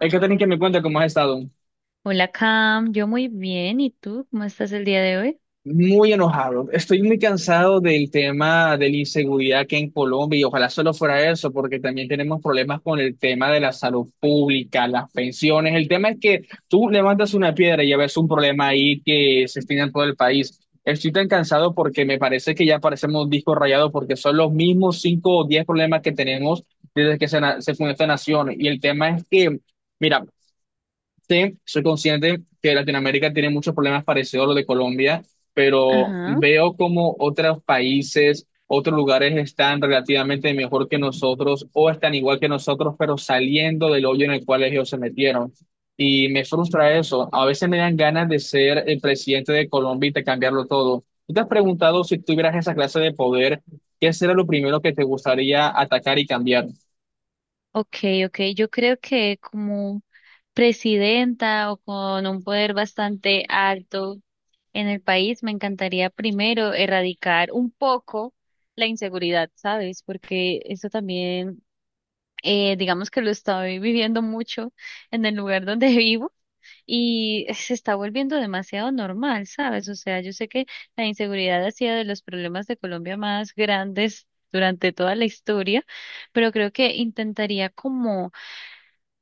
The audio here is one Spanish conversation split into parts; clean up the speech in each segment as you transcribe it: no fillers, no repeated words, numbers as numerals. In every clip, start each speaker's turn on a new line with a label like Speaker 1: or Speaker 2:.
Speaker 1: Hay que tener que me cuenta cómo has estado.
Speaker 2: Hola Cam, yo muy bien. ¿Y tú? ¿Cómo estás el día de hoy?
Speaker 1: Muy enojado. Estoy muy cansado del tema de la inseguridad que hay en Colombia y ojalá solo fuera eso, porque también tenemos problemas con el tema de la salud pública, las pensiones. El tema es que tú levantas una piedra y ya ves un problema ahí que se extiende en todo el país. Estoy tan cansado porque me parece que ya parecemos un disco rayado porque son los mismos cinco o diez problemas que tenemos desde que se fundó esta nación. Y el tema es que... Mira, sí, soy consciente que Latinoamérica tiene muchos problemas parecidos a los de Colombia, pero
Speaker 2: Ajá.
Speaker 1: veo como otros países, otros lugares están relativamente mejor que nosotros o están igual que nosotros, pero saliendo del hoyo en el cual ellos se metieron. Y me frustra eso. A veces me dan ganas de ser el presidente de Colombia y de cambiarlo todo. ¿Tú te has preguntado si tuvieras esa clase de poder, qué será lo primero que te gustaría atacar y cambiar?
Speaker 2: Ok, ok. Yo creo que como presidenta o con un poder bastante alto en el país, me encantaría primero erradicar un poco la inseguridad, ¿sabes? Porque eso también, digamos que lo estoy viviendo mucho en el lugar donde vivo. Y se está volviendo demasiado normal, ¿sabes? O sea, yo sé que la inseguridad ha sido de los problemas de Colombia más grandes durante toda la historia, pero creo que intentaría como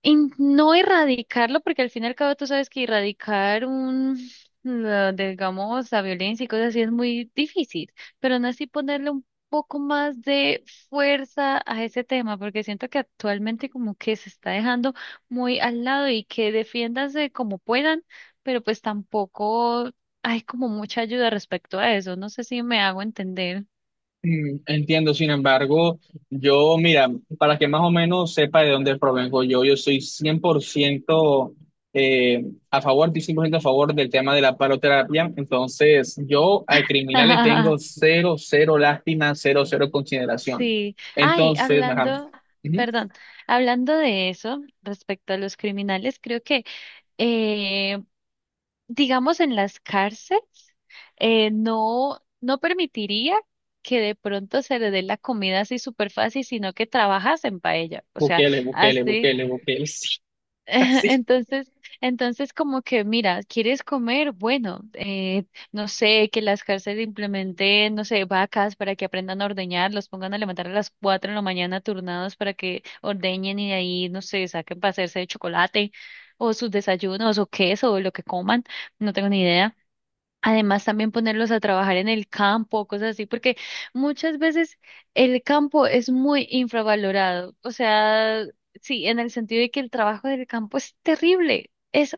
Speaker 2: en no erradicarlo, porque al fin y al cabo tú sabes que erradicar digamos, la violencia y cosas así es muy difícil, pero no así ponerle un poco más de fuerza a ese tema, porque siento que actualmente como que se está dejando muy al lado y que defiéndanse como puedan, pero pues tampoco hay como mucha ayuda respecto a eso. No sé si me hago entender.
Speaker 1: Entiendo, sin embargo, yo, mira, para que más o menos sepa de dónde provengo yo, yo soy 100% eh, a favor, estoy 100% a favor del tema de la paroterapia, entonces yo al criminal le tengo cero, cero lástima, cero, cero consideración.
Speaker 2: Sí. Ay,
Speaker 1: Entonces, ajá,
Speaker 2: hablando,
Speaker 1: ujú,
Speaker 2: perdón, hablando de eso, respecto a los criminales, creo que, eh, digamos, en las cárceles, no permitiría que de pronto se le dé la comida así súper fácil, sino que trabajas en paella. O sea,
Speaker 1: Bukele, Bukele,
Speaker 2: así.
Speaker 1: Bukele, Bukele, sí, así.
Speaker 2: Entonces, entonces como que, mira, ¿quieres comer? Bueno, no sé, que las cárceles implementen, no sé, vacas para que aprendan a ordeñar, los pongan a levantar a las 4 de la mañana turnados para que ordeñen y de ahí, no sé, saquen para hacerse de chocolate o sus desayunos o queso o lo que coman, no tengo ni idea. Además, también ponerlos a trabajar en el campo, cosas así, porque muchas veces el campo es muy infravalorado. O sea, sí, en el sentido de que el trabajo del campo es terrible, es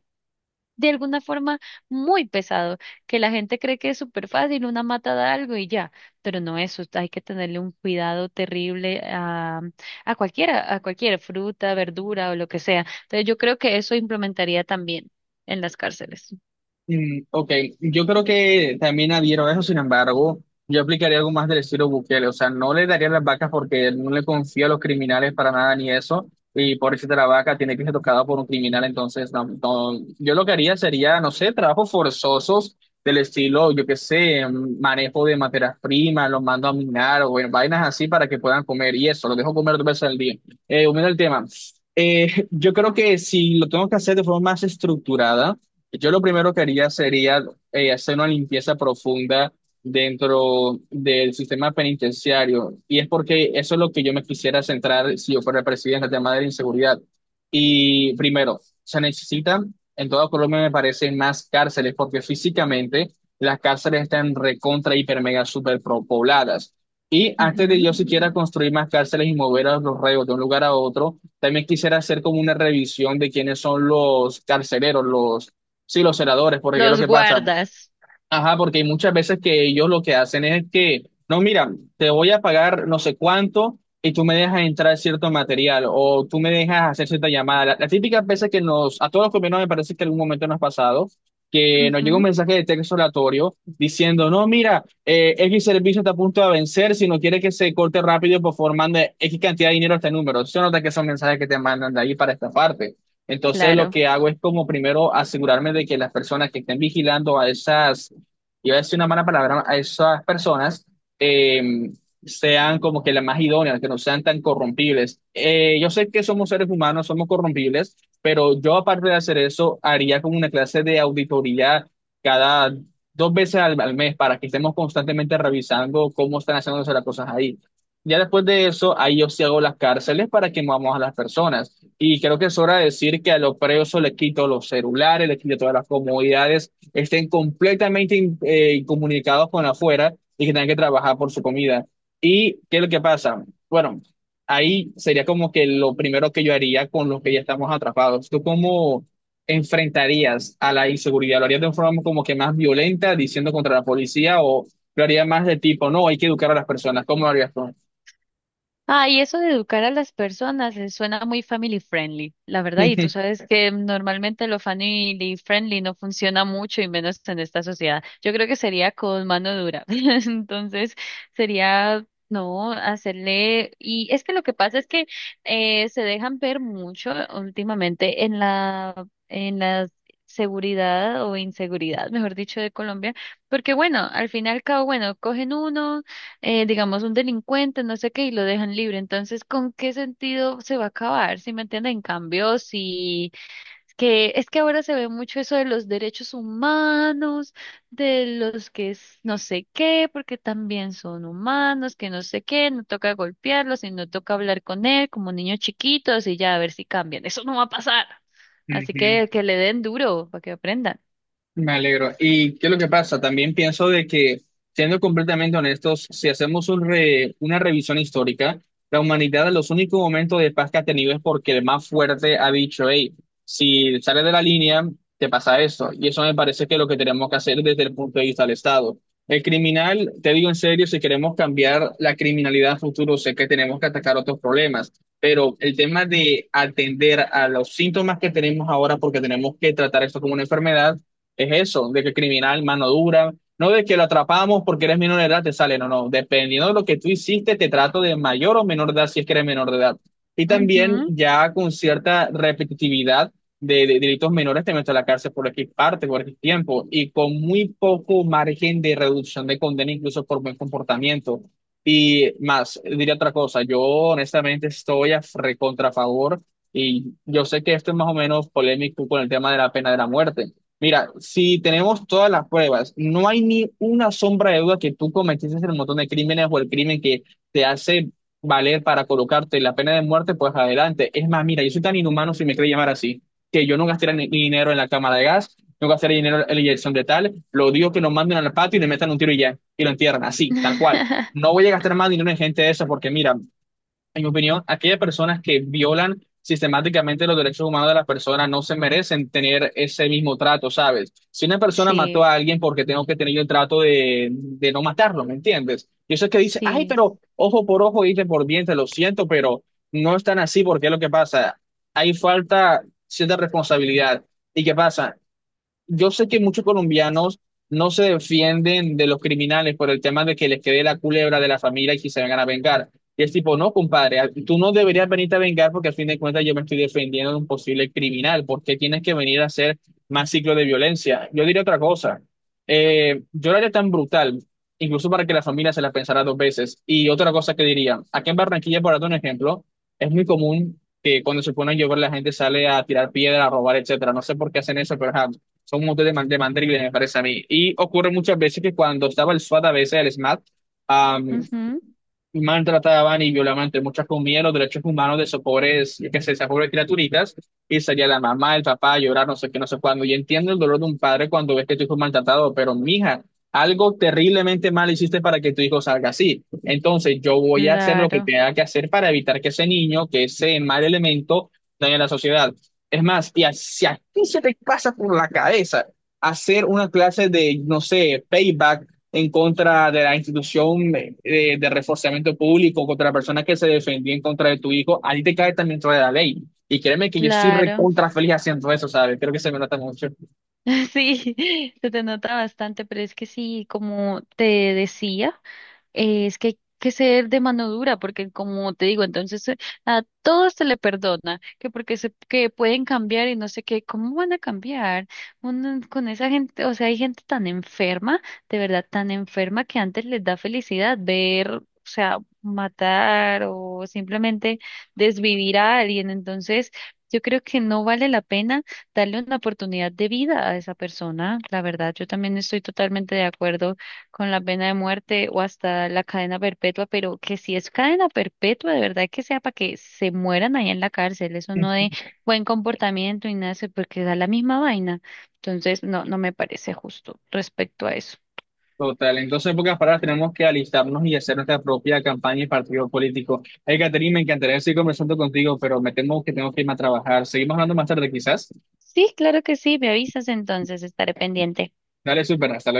Speaker 2: de alguna forma muy pesado, que la gente cree que es súper fácil, una mata da algo y ya, pero no eso, hay que tenerle un cuidado terrible a cualquiera, a cualquier fruta, verdura o lo que sea. Entonces, yo creo que eso implementaría también en las cárceles.
Speaker 1: Mm, ok, yo creo que también adhiero a eso, sin embargo, yo aplicaría algo más del estilo Bukele, o sea, no le daría las vacas porque no le confío a los criminales para nada ni eso, y por eso la vaca tiene que ser tocada por un criminal, entonces, no, no, yo lo que haría sería, no sé, trabajos forzosos del estilo, yo qué sé, manejo de materias primas, los mando a minar o en vainas así para que puedan comer, y eso, los dejo comer dos veces al día. Volviendo al tema, yo creo que si lo tengo que hacer de forma más estructurada, yo lo primero que haría sería hacer una limpieza profunda dentro del sistema penitenciario. Y es porque eso es lo que yo me quisiera centrar si yo fuera presidente, el tema de la inseguridad. Y primero, se necesitan, en toda Colombia me parece, más cárceles, porque físicamente las cárceles están recontra, hiper, mega, super pobladas. Y antes de
Speaker 2: Ujú.
Speaker 1: yo siquiera construir más cárceles y mover a los reos de un lugar a otro, también quisiera hacer como una revisión de quiénes son los carceleros, los... Sí, los senadores, porque ¿qué es lo
Speaker 2: Los
Speaker 1: que pasa?
Speaker 2: guardas.
Speaker 1: Ajá, porque hay muchas veces que ellos lo que hacen es que, no, mira, te voy a pagar no sé cuánto y tú me dejas entrar cierto material o tú me dejas hacer cierta llamada. Las típicas veces que nos, a todos los colombianos me parece que algún momento nos ha pasado, que nos llega un
Speaker 2: Ujú,
Speaker 1: mensaje de texto aleatorio diciendo, no, mira, X servicio está a punto de vencer, si no quiere que se corte rápido, por favor, mande X cantidad de dinero a este número. Eso nota que son mensajes que te mandan de ahí para esta parte. Entonces, lo
Speaker 2: claro.
Speaker 1: que hago es como primero asegurarme de que las personas que estén vigilando a esas... iba a decir una mala palabra, a esas personas eh, sean como que las más idóneas, que no sean tan corrompibles. Yo sé que somos seres humanos, somos corrompibles, pero yo aparte de hacer eso, haría como una clase de auditoría cada dos veces al mes para que estemos constantemente revisando cómo están haciéndose las cosas ahí. Ya después de eso, ahí yo sí hago las cárceles para que movamos a las personas. Y creo que es hora de decir que a los presos les quito los celulares, les quito todas las comodidades, estén completamente incomunicados con afuera y que tengan que trabajar por su comida. ¿Y qué es lo que pasa? Bueno, ahí sería como que lo primero que yo haría con los que ya estamos atrapados. ¿Tú cómo enfrentarías a la inseguridad? ¿Lo harías de una forma como que más violenta, diciendo contra la policía, o lo harías más de tipo, no, hay que educar a las personas? ¿Cómo lo harías tú?
Speaker 2: Ah, y eso de educar a las personas suena muy family friendly, la verdad. Y tú sabes que normalmente lo family friendly no funciona mucho y menos en esta sociedad. Yo creo que sería con mano dura. Entonces, sería, no, hacerle... Y es que lo que pasa es que se dejan ver mucho últimamente en la seguridad o inseguridad, mejor dicho, de Colombia. Porque bueno, al final y al cabo, bueno, cogen uno. Digamos, un delincuente, no sé qué, y lo dejan libre. Entonces, ¿con qué sentido se va a acabar? ¿Sí me entienden? En cambio, si que es que ahora se ve mucho eso de los derechos humanos, de los que es no sé qué, porque también son humanos, que no sé qué, no toca golpearlos y no toca hablar con él como niños chiquitos y ya a ver si cambian. Eso no va a pasar. Así que le den duro para que aprendan.
Speaker 1: Me alegro. ¿Y qué es lo que pasa? También pienso de que, siendo completamente honestos, si hacemos un una revisión histórica, la humanidad en los únicos momentos de paz que ha tenido es porque el más fuerte ha dicho, hey, si sales de la línea, te pasa esto. Y eso me parece que es lo que tenemos que hacer desde el punto de vista del Estado. El criminal, te digo en serio, si queremos cambiar la criminalidad a futuro, sé que tenemos que atacar otros problemas. Pero el tema de atender a los síntomas que tenemos ahora, porque tenemos que tratar esto como una enfermedad, es eso, de que criminal, mano dura, no de que lo atrapamos porque eres menor de edad, te sale, no, no, dependiendo de lo que tú hiciste, te trato de mayor o menor de edad si es que eres menor de edad. Y también
Speaker 2: Ujú.
Speaker 1: ya con cierta repetitividad de delitos menores te meto a la cárcel por X parte, por X tiempo, y con muy poco margen de reducción de condena, incluso por buen comportamiento. Y más, diría otra cosa, yo honestamente estoy a recontra favor, y yo sé que esto es más o menos polémico con el tema de la pena de la muerte. Mira, si tenemos todas las pruebas, no hay ni una sombra de duda que tú cometiste el montón de crímenes o el crimen que te hace valer para colocarte la pena de muerte, pues adelante. Es más, mira, yo soy tan inhumano, si me quiere llamar así, que yo no gastaría ni dinero en la cámara de gas, no gastaría dinero en la inyección de tal, lo digo que nos manden al patio y le metan un tiro y ya, y lo entierran, así, tal cual. No voy a gastar más dinero en gente de esa, porque mira, en mi opinión, aquellas personas que violan sistemáticamente los derechos humanos de las personas no se merecen tener ese mismo trato, ¿sabes? Si una persona mató
Speaker 2: Sí,
Speaker 1: a alguien porque tengo que tener el trato de no matarlo, ¿me entiendes? Y eso es que dice, ay,
Speaker 2: sí.
Speaker 1: pero ojo por ojo, diente por diente, lo siento, pero no es tan así porque es lo que pasa. Hay falta cierta responsabilidad. ¿Y qué pasa? Yo sé que muchos colombianos no se defienden de los criminales por el tema de que les quede la culebra de la familia y que se vengan a vengar. Y es tipo, no, compadre, tú no deberías venirte a vengar porque al fin de cuentas yo me estoy defendiendo de un posible criminal. ¿Por qué tienes que venir a hacer más ciclo de violencia? Yo diría otra cosa. Yo lo haría tan brutal, incluso para que la familia se la pensara dos veces. Y otra cosa que diría, aquí en Barranquilla, por darte un ejemplo, es muy común que cuando se pone a llover la gente sale a tirar piedra, a robar, etcétera. No sé por qué hacen eso, pero ajá son un montón de, de mandriles, me parece a mí. Y ocurre muchas veces que cuando estaba el SWAT, a veces el SMAT,
Speaker 2: Ujú.
Speaker 1: maltrataban y violaban, entre muchas comillas, los derechos humanos de esos pobres, yo qué sé, esas pobres criaturitas, y salía la mamá, el papá, a llorar, no sé qué, no sé cuándo. Y entiendo el dolor de un padre cuando ves que tu hijo es maltratado, pero mija, algo terriblemente mal hiciste para que tu hijo salga así. Entonces, yo voy a hacer lo que
Speaker 2: Claro.
Speaker 1: tenga que hacer para evitar que ese niño, que ese mal elemento, dañe la sociedad. Es más, y si a ti se te pasa por la cabeza hacer una clase de, no sé, payback en contra de la institución de reforzamiento público, contra la persona que se defendía en contra de tu hijo, a ti te cae también dentro de la ley. Y créeme que yo soy
Speaker 2: Claro,
Speaker 1: recontra feliz haciendo eso, ¿sabes? Creo que se me nota mucho.
Speaker 2: sí, se te nota bastante, pero es que sí, como te decía, es que hay que ser de mano dura, porque como te digo, entonces a todos se le perdona, que porque se, que pueden cambiar y no sé qué, ¿cómo van a cambiar? Uno, con esa gente, o sea, hay gente tan enferma, de verdad tan enferma que antes les da felicidad ver, o sea, matar o simplemente desvivir a alguien, entonces... Yo creo que no vale la pena darle una oportunidad de vida a esa persona. La verdad, yo también estoy totalmente de acuerdo con la pena de muerte o hasta la cadena perpetua, pero que si es cadena perpetua, de verdad que sea para que se mueran ahí en la cárcel, eso no de buen comportamiento y nada, eso, porque da la misma vaina. Entonces, no, no me parece justo respecto a eso.
Speaker 1: Total. Entonces, en pocas palabras, tenemos que alistarnos y hacer nuestra propia campaña y partido político. Hey, Catherine, me encantaría seguir conversando contigo, pero me temo que tengo que irme a trabajar. Seguimos hablando más tarde, quizás.
Speaker 2: Sí, claro que sí, me avisas entonces, estaré pendiente.
Speaker 1: Dale, súper. Hasta luego.